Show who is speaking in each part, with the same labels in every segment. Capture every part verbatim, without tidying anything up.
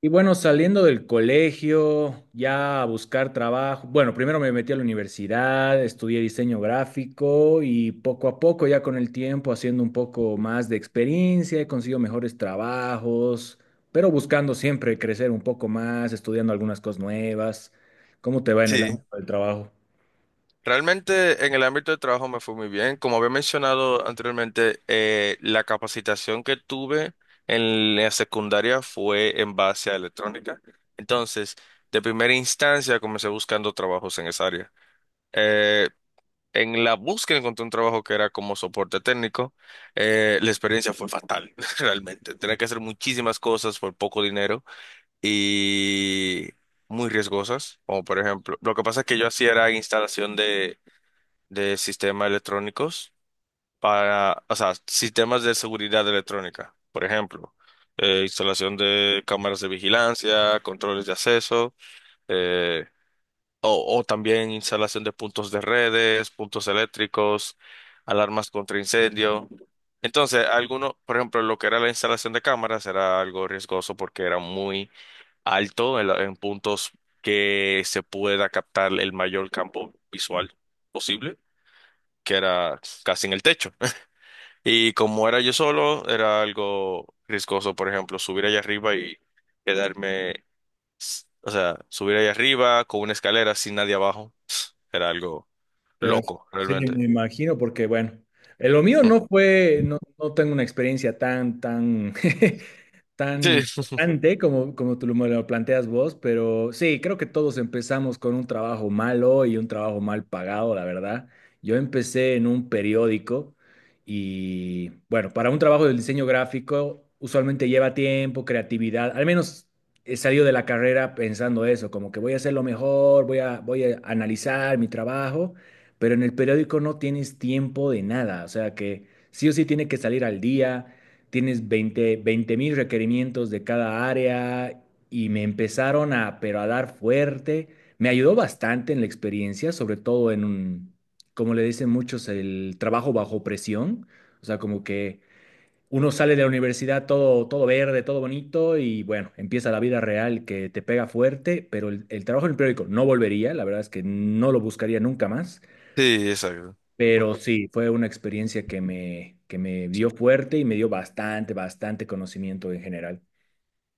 Speaker 1: Y bueno, saliendo del colegio, ya a buscar trabajo. Bueno, primero me metí a la universidad, estudié diseño gráfico y poco a poco, ya con el tiempo, haciendo un poco más de experiencia, he conseguido mejores trabajos, pero buscando siempre crecer un poco más, estudiando algunas cosas nuevas. ¿Cómo te va en el
Speaker 2: Sí,
Speaker 1: ámbito del trabajo?
Speaker 2: realmente en el ámbito de trabajo me fue muy bien. Como había mencionado anteriormente, eh, la capacitación que tuve en la secundaria fue en base a electrónica. Entonces, de primera instancia comencé buscando trabajos en esa área. Eh, en la búsqueda encontré un trabajo que era como soporte técnico. Eh, la experiencia fue fatal, realmente. Tenía que hacer muchísimas cosas por poco dinero y muy riesgosas, como por ejemplo, lo que pasa es que yo hacía era instalación de de sistemas electrónicos para, o sea, sistemas de seguridad electrónica, por ejemplo, eh, instalación de cámaras de vigilancia, controles de acceso, eh, o, o también instalación de puntos de redes, puntos eléctricos, alarmas contra incendio. Entonces, algunos, por ejemplo, lo que era la instalación de cámaras era algo riesgoso porque era muy alto en, la- en puntos que se pueda captar el mayor campo visual posible, que era casi en el techo. Y como era yo solo, era algo riesgoso, por ejemplo, subir allá arriba y quedarme, s- o sea, subir allá arriba con una escalera sin nadie abajo, era algo
Speaker 1: Pero
Speaker 2: loco,
Speaker 1: sí,
Speaker 2: realmente.
Speaker 1: me imagino, porque bueno, eh, lo mío no fue, no, no tengo una experiencia tan, tan, tan
Speaker 2: Sí,
Speaker 1: importante como, como tú lo- me lo planteas vos, pero sí, creo que todos empezamos con un trabajo malo y un trabajo mal pagado, la verdad. Yo empecé en un periódico y bueno, para un trabajo del diseño gráfico usualmente lleva tiempo, creatividad, al menos he salido de la carrera pensando eso, como que voy a hacer lo mejor, voy a, voy a analizar mi trabajo, pero en el periódico no tienes tiempo de nada, o sea que sí o sí tiene que salir al día, tienes veinte, 20 mil requerimientos de cada área y me empezaron a, pero a dar fuerte, me ayudó bastante en la experiencia, sobre todo en un, como le dicen muchos, el trabajo bajo presión, o sea, como que uno sale de la universidad todo, todo verde, todo bonito y bueno, empieza la vida real que te pega fuerte, pero el, el trabajo en el periódico no volvería, la verdad es que no lo buscaría nunca más.
Speaker 2: sí, exacto.
Speaker 1: Pero sí, fue una experiencia que me, que me dio fuerte y me dio bastante, bastante conocimiento en general.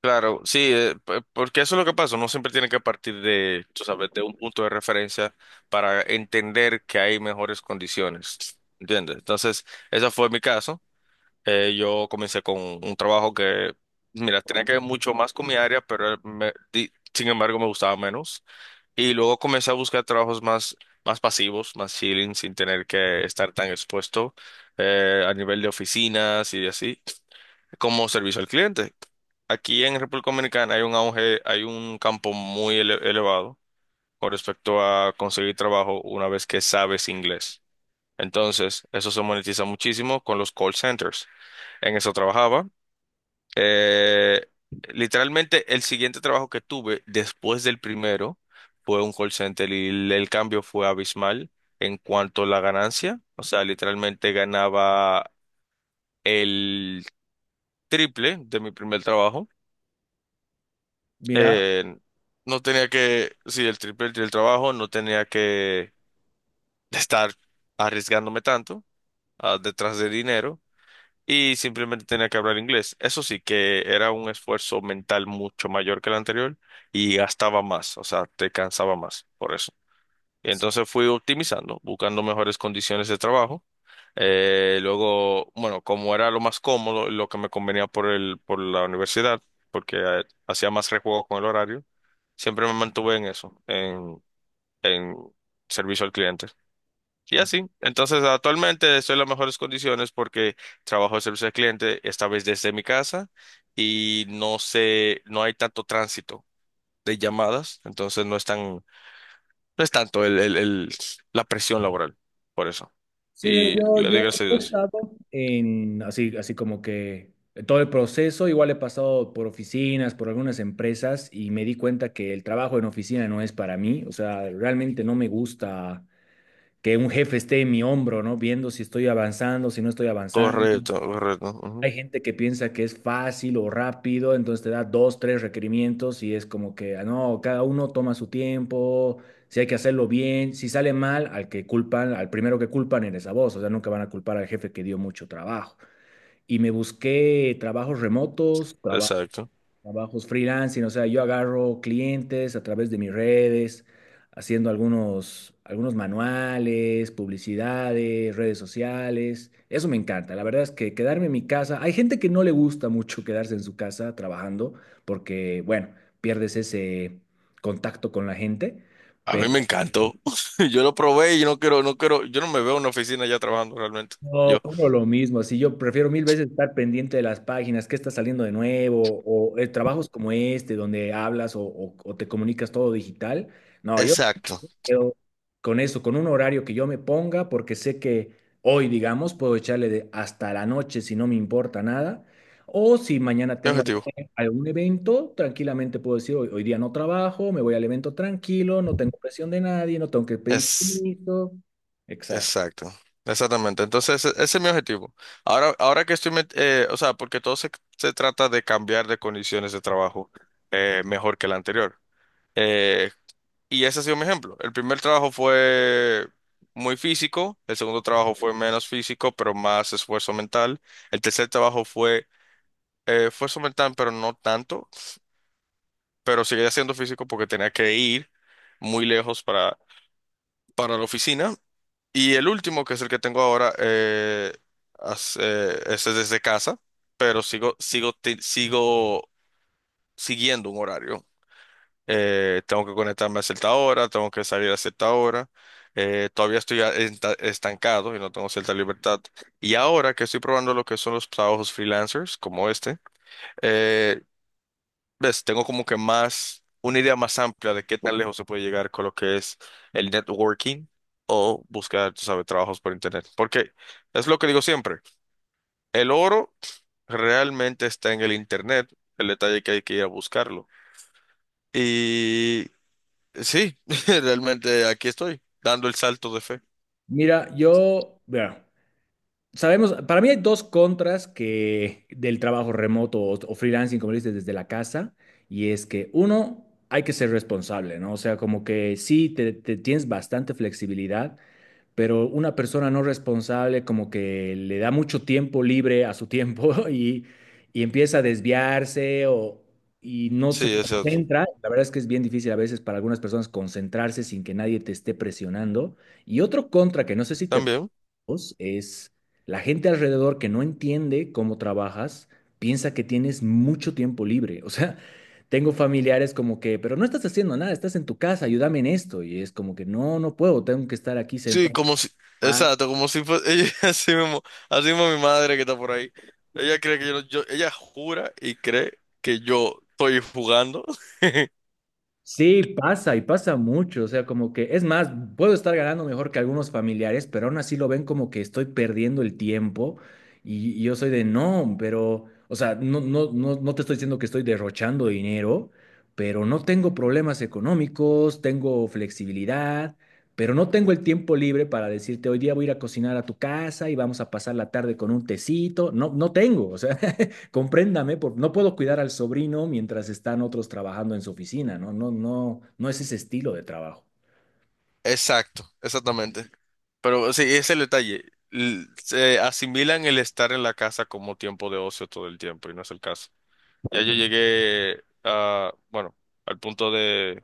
Speaker 2: Claro, sí, eh, p- porque eso es lo que pasa, uno siempre tiene que partir de, tú sabes, de un punto de referencia para entender que hay mejores condiciones, ¿entiendes? Entonces, ese fue mi caso. Eh, yo comencé con un trabajo que, mira, tenía que ver mucho más con mi área, pero me- di- sin embargo me gustaba menos. Y luego comencé a buscar trabajos más, más pasivos, más chilling, sin tener que estar tan expuesto eh, a nivel de oficinas y así, como servicio al cliente. Aquí en República Dominicana hay un auge, hay un campo muy ele- elevado con respecto a conseguir trabajo una vez que sabes inglés. Entonces, eso se monetiza muchísimo con los call centers. En eso trabajaba. Eh, literalmente el siguiente trabajo que tuve después del primero fue un call center y el, el cambio fue abismal en cuanto a la ganancia. O sea, literalmente ganaba el triple de mi primer trabajo.
Speaker 1: Mira,
Speaker 2: Eh, no tenía que, sí, el triple del trabajo, no tenía que estar arriesgándome tanto ah, detrás de dinero. Y simplemente tenía que hablar inglés. Eso sí que era un esfuerzo mental mucho mayor que el anterior y gastaba más, o sea, te cansaba más por eso. Y entonces fui optimizando, buscando mejores condiciones de trabajo. Eh, luego, bueno, como era lo más cómodo, lo que me convenía por el, por la universidad, porque eh, hacía más rejuego con el horario, siempre me mantuve en eso, en, en servicio al cliente. Y así. Entonces, actualmente estoy en las mejores condiciones porque trabajo de servicio al cliente, esta vez desde mi casa, y no sé, no hay tanto tránsito de llamadas, entonces no es tan, no es tanto el, el, el- la presión laboral, por eso. Y le doy gracias a Dios.
Speaker 1: en, así, así como que todo el proceso, igual he pasado por oficinas, por algunas empresas y me di cuenta que el trabajo en oficina no es para mí. O sea, realmente no me gusta que un jefe esté en mi hombro, ¿no? Viendo si estoy avanzando, si no estoy avanzando.
Speaker 2: Correcto, correcto.
Speaker 1: Hay
Speaker 2: Ujú.
Speaker 1: gente que piensa que es fácil o rápido, entonces te da dos, tres requerimientos y es como que, ah, no, cada uno toma su tiempo, si hay que hacerlo bien, si sale mal, al que culpan, al primero que culpan eres a vos, o sea, nunca van a culpar al jefe que dio mucho trabajo. Y me busqué trabajos remotos, trabajos
Speaker 2: Exacto.
Speaker 1: trabajos freelancing, o sea, yo agarro clientes a través de mis redes, haciendo algunos, algunos manuales, publicidades, redes sociales. Eso me encanta. La verdad es que quedarme en mi casa, hay gente que no le gusta mucho quedarse en su casa trabajando porque, bueno, pierdes ese contacto con la gente.
Speaker 2: A mí
Speaker 1: Pero
Speaker 2: me encantó. Yo lo probé y no quiero, no quiero, yo no me veo en una oficina ya trabajando realmente.
Speaker 1: no,
Speaker 2: Yo.
Speaker 1: uno lo mismo, si yo prefiero mil veces estar pendiente de las páginas, qué está saliendo de nuevo, o eh, trabajos como este, donde hablas o o- o te comunicas todo digital, no, yo
Speaker 2: Exacto.
Speaker 1: quedo con eso, con un horario que yo me ponga, porque sé que hoy, digamos, puedo echarle de hasta la noche si no me importa nada. O si mañana
Speaker 2: Mi
Speaker 1: tengo algún,
Speaker 2: objetivo.
Speaker 1: algún evento, tranquilamente puedo decir, hoy, hoy, día no trabajo, me voy al evento tranquilo, no tengo presión de nadie, no tengo que pedir
Speaker 2: Es.
Speaker 1: permiso. Exacto.
Speaker 2: Exacto, exactamente. Entonces, e- ese es mi objetivo. Ahora, ahora que estoy, met- eh, o sea, porque todo se, se trata de cambiar de condiciones de trabajo eh, mejor que el anterior. Eh, y ese ha sido mi ejemplo. El primer trabajo fue muy físico, el segundo trabajo fue menos físico, pero más esfuerzo mental. El tercer trabajo fue eh, esfuerzo mental, pero no tanto, pero seguía siendo físico porque tenía que ir muy lejos para, para, la oficina. Y el último, que es el que tengo ahora, eh, as- eh, ese es desde casa, pero sigo, sigo, te- sigo siguiendo un horario. Eh, tengo que conectarme a cierta hora, tengo que salir a cierta hora. Eh, todavía estoy a- enta- estancado y no tengo cierta libertad. Y ahora que estoy probando lo que son los trabajos freelancers, como este, eh, ves, tengo como que más, una idea más amplia de qué tan lejos se puede llegar con lo que es el networking o buscar, tú sabes, trabajos por internet. Porque es lo que digo siempre, el oro realmente está en el internet, el detalle que hay que ir a buscarlo. Y sí, realmente aquí estoy, dando el salto de fe.
Speaker 1: Mira, yo, vea, sabemos, para mí hay dos contras que del trabajo remoto o, o freelancing, como dices, desde la casa, y es que uno, hay que ser responsable, ¿no? O sea, como que sí, te, te, tienes bastante flexibilidad, pero una persona no responsable como que le da mucho tiempo libre a su tiempo y, y empieza a desviarse o, y no se
Speaker 2: Sí, es cierto.
Speaker 1: concentra. La verdad es que es bien difícil a veces para algunas personas concentrarse sin que nadie te esté presionando. Y otro contra que no sé si te
Speaker 2: También.
Speaker 1: dos, es la gente alrededor que no entiende cómo trabajas, piensa que tienes mucho tiempo libre. O sea, tengo familiares como que, pero no estás haciendo nada, estás en tu casa, ayúdame en esto. Y es como que, no, no puedo, tengo que estar aquí
Speaker 2: Sí,
Speaker 1: sentado.
Speaker 2: como si, exacto, como si fuese, ella, así mismo, así mismo mi madre que está por ahí. Ella cree que yo, no- yo, ella jura y cree que yo estoy jugando.
Speaker 1: Sí, pasa y pasa mucho, o sea, como que es más, puedo estar ganando mejor que algunos familiares, pero aún así lo ven como que estoy perdiendo el tiempo y, y yo soy de no, pero, o sea, no, no, no, no te estoy diciendo que estoy derrochando dinero, pero no tengo problemas económicos, tengo flexibilidad, pero no tengo el tiempo libre para decirte hoy día voy a ir a cocinar a tu casa y vamos a pasar la tarde con un tecito, no, no tengo, o sea, compréndame, por, no puedo cuidar al sobrino mientras están otros trabajando en su oficina, ¿no? No, no, no es ese estilo de trabajo.
Speaker 2: Exacto, exactamente. Pero sí, ese es el detalle. L- Se asimilan el estar en la casa como tiempo de ocio todo el tiempo y no es el caso. Ya yo llegué a, bueno, al punto de,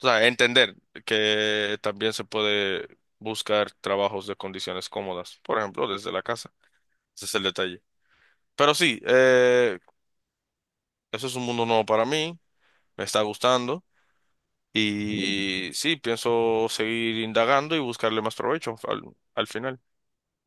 Speaker 2: o sea, entender que también se puede buscar trabajos de condiciones cómodas, por ejemplo, desde la casa. Ese es el detalle. Pero sí, eh, eso es un mundo nuevo para mí, me está gustando y sí, pienso seguir indagando y buscarle más provecho al, al final,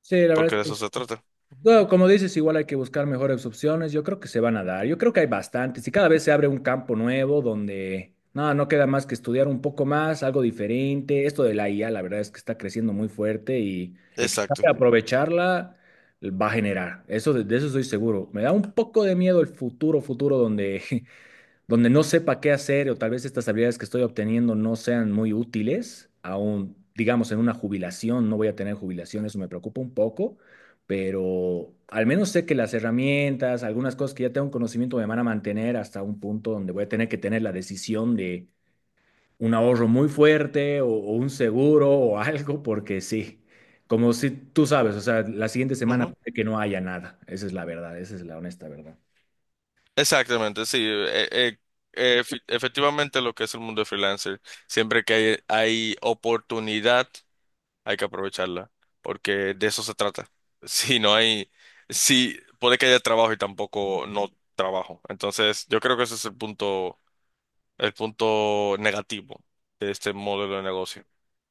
Speaker 1: Sí, la
Speaker 2: porque
Speaker 1: verdad es
Speaker 2: de
Speaker 1: que,
Speaker 2: eso se trata.
Speaker 1: no, como dices, igual hay que buscar mejores opciones. Yo creo que se van a dar. Yo creo que hay bastantes y cada vez se abre un campo nuevo donde no, no queda más que estudiar un poco más, algo diferente. Esto de la I A, la verdad es que está creciendo muy fuerte y el que
Speaker 2: Exacto.
Speaker 1: sabe aprovecharla va a generar. Eso de, de, eso estoy seguro. Me da un poco de miedo el futuro, futuro donde donde no sepa qué hacer o tal vez estas habilidades que estoy obteniendo no sean muy útiles, aún, digamos, en una jubilación, no voy a tener jubilación, eso me preocupa un poco, pero al menos sé que las herramientas, algunas cosas que ya tengo conocimiento me van a mantener hasta un punto donde voy a tener que tener la decisión de un ahorro muy fuerte o, o un seguro o algo, porque sí. Como si tú sabes, o sea, la siguiente semana
Speaker 2: Ujú.
Speaker 1: puede que no haya nada. Esa es la verdad, esa es la honesta verdad.
Speaker 2: Exactamente, sí. eh, eh, eh, efe- efectivamente lo que es el mundo de freelancer, siempre que hay, hay oportunidad, hay que aprovecharla, porque de eso se trata. Si no hay, si puede que haya trabajo y tampoco no trabajo. Entonces, yo creo que ese es el punto el punto negativo de este modelo de negocio.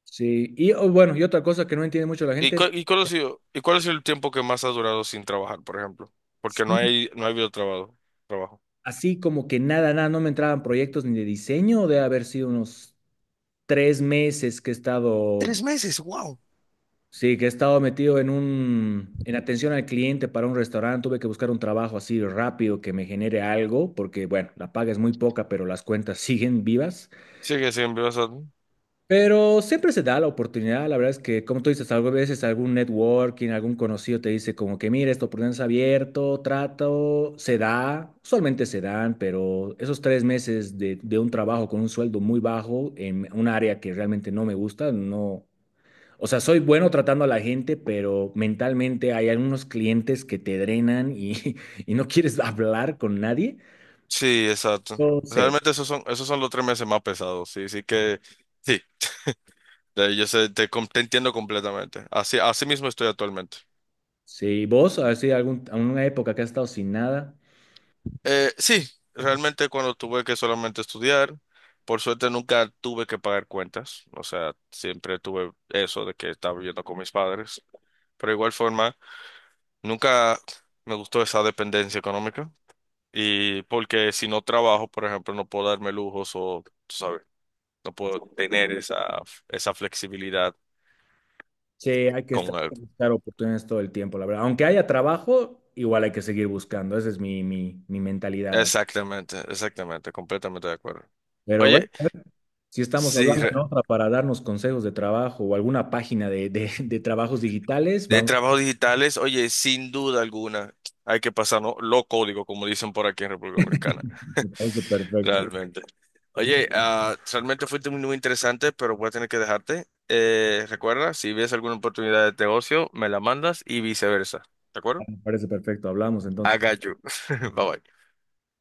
Speaker 1: Sí, y oh, bueno, y otra cosa que no entiende mucho la
Speaker 2: ¿Y,
Speaker 1: gente,
Speaker 2: cu- y cuál ha sido, y cuál ha sido el tiempo que más has durado sin trabajar, por ejemplo? Porque no
Speaker 1: sí,
Speaker 2: hay, no ha habido trabajo, trabajo.
Speaker 1: así como que nada, nada, no me entraban proyectos ni de diseño, de haber sido unos tres meses que he estado, sí, que he estado metido en un, en atención al cliente para un restaurante, tuve que buscar un trabajo así rápido que me genere algo, porque bueno, la paga es muy poca, pero las cuentas siguen vivas.
Speaker 2: Sí, que sí, en vivo.
Speaker 1: Pero siempre se da la oportunidad, la verdad es que, como tú dices, algunas veces algún networking, algún conocido te dice como que, mira, esta oportunidad está abierto, trato, se da, usualmente se dan, pero esos tres meses de, de, un trabajo con un sueldo muy bajo en un área que realmente no me gusta, no, o sea, soy bueno tratando a la gente, pero mentalmente hay algunos clientes que te drenan y, y no quieres hablar con nadie.
Speaker 2: Sí, exacto.
Speaker 1: No sé,
Speaker 2: Realmente esos son, esos son los tres meses más pesados. Sí, sí que, sí. Eh, yo sé, te, com- te entiendo completamente. Así, así mismo estoy actualmente.
Speaker 1: sí, vos, a ver si algún, alguna época que has estado sin nada.
Speaker 2: Eh, sí, realmente cuando tuve que solamente estudiar, por suerte nunca tuve que pagar cuentas. O sea, siempre tuve eso de que estaba viviendo con mis padres. Pero de igual forma, nunca me gustó esa dependencia económica. Y porque si no trabajo, por ejemplo, no puedo darme lujos o, tú sabes, no puedo tener esa, esa flexibilidad
Speaker 1: Sí, hay que estar,
Speaker 2: con él.
Speaker 1: hay que buscar oportunidades todo el tiempo, la verdad. Aunque haya trabajo, igual hay que seguir buscando. Esa es mi, mi, mi mentalidad.
Speaker 2: Exactamente, exactamente, completamente de acuerdo.
Speaker 1: Pero bueno,
Speaker 2: Oye,
Speaker 1: si estamos
Speaker 2: si
Speaker 1: hablando en
Speaker 2: re-
Speaker 1: otra para darnos consejos de trabajo o alguna página de, de- de trabajos digitales,
Speaker 2: de
Speaker 1: vamos.
Speaker 2: trabajos digitales, oye, sin duda alguna, hay que pasar, ¿no? Lo código, como dicen por aquí en República Dominicana.
Speaker 1: Me parece perfecto,
Speaker 2: Realmente. Oye, ah, realmente fuiste muy, muy interesante, pero voy a tener que dejarte. Eh, recuerda, si ves alguna oportunidad de negocio, me la mandas y viceversa. ¿De acuerdo?
Speaker 1: me parece perfecto. Hablamos
Speaker 2: I
Speaker 1: entonces.
Speaker 2: got you. Bye bye.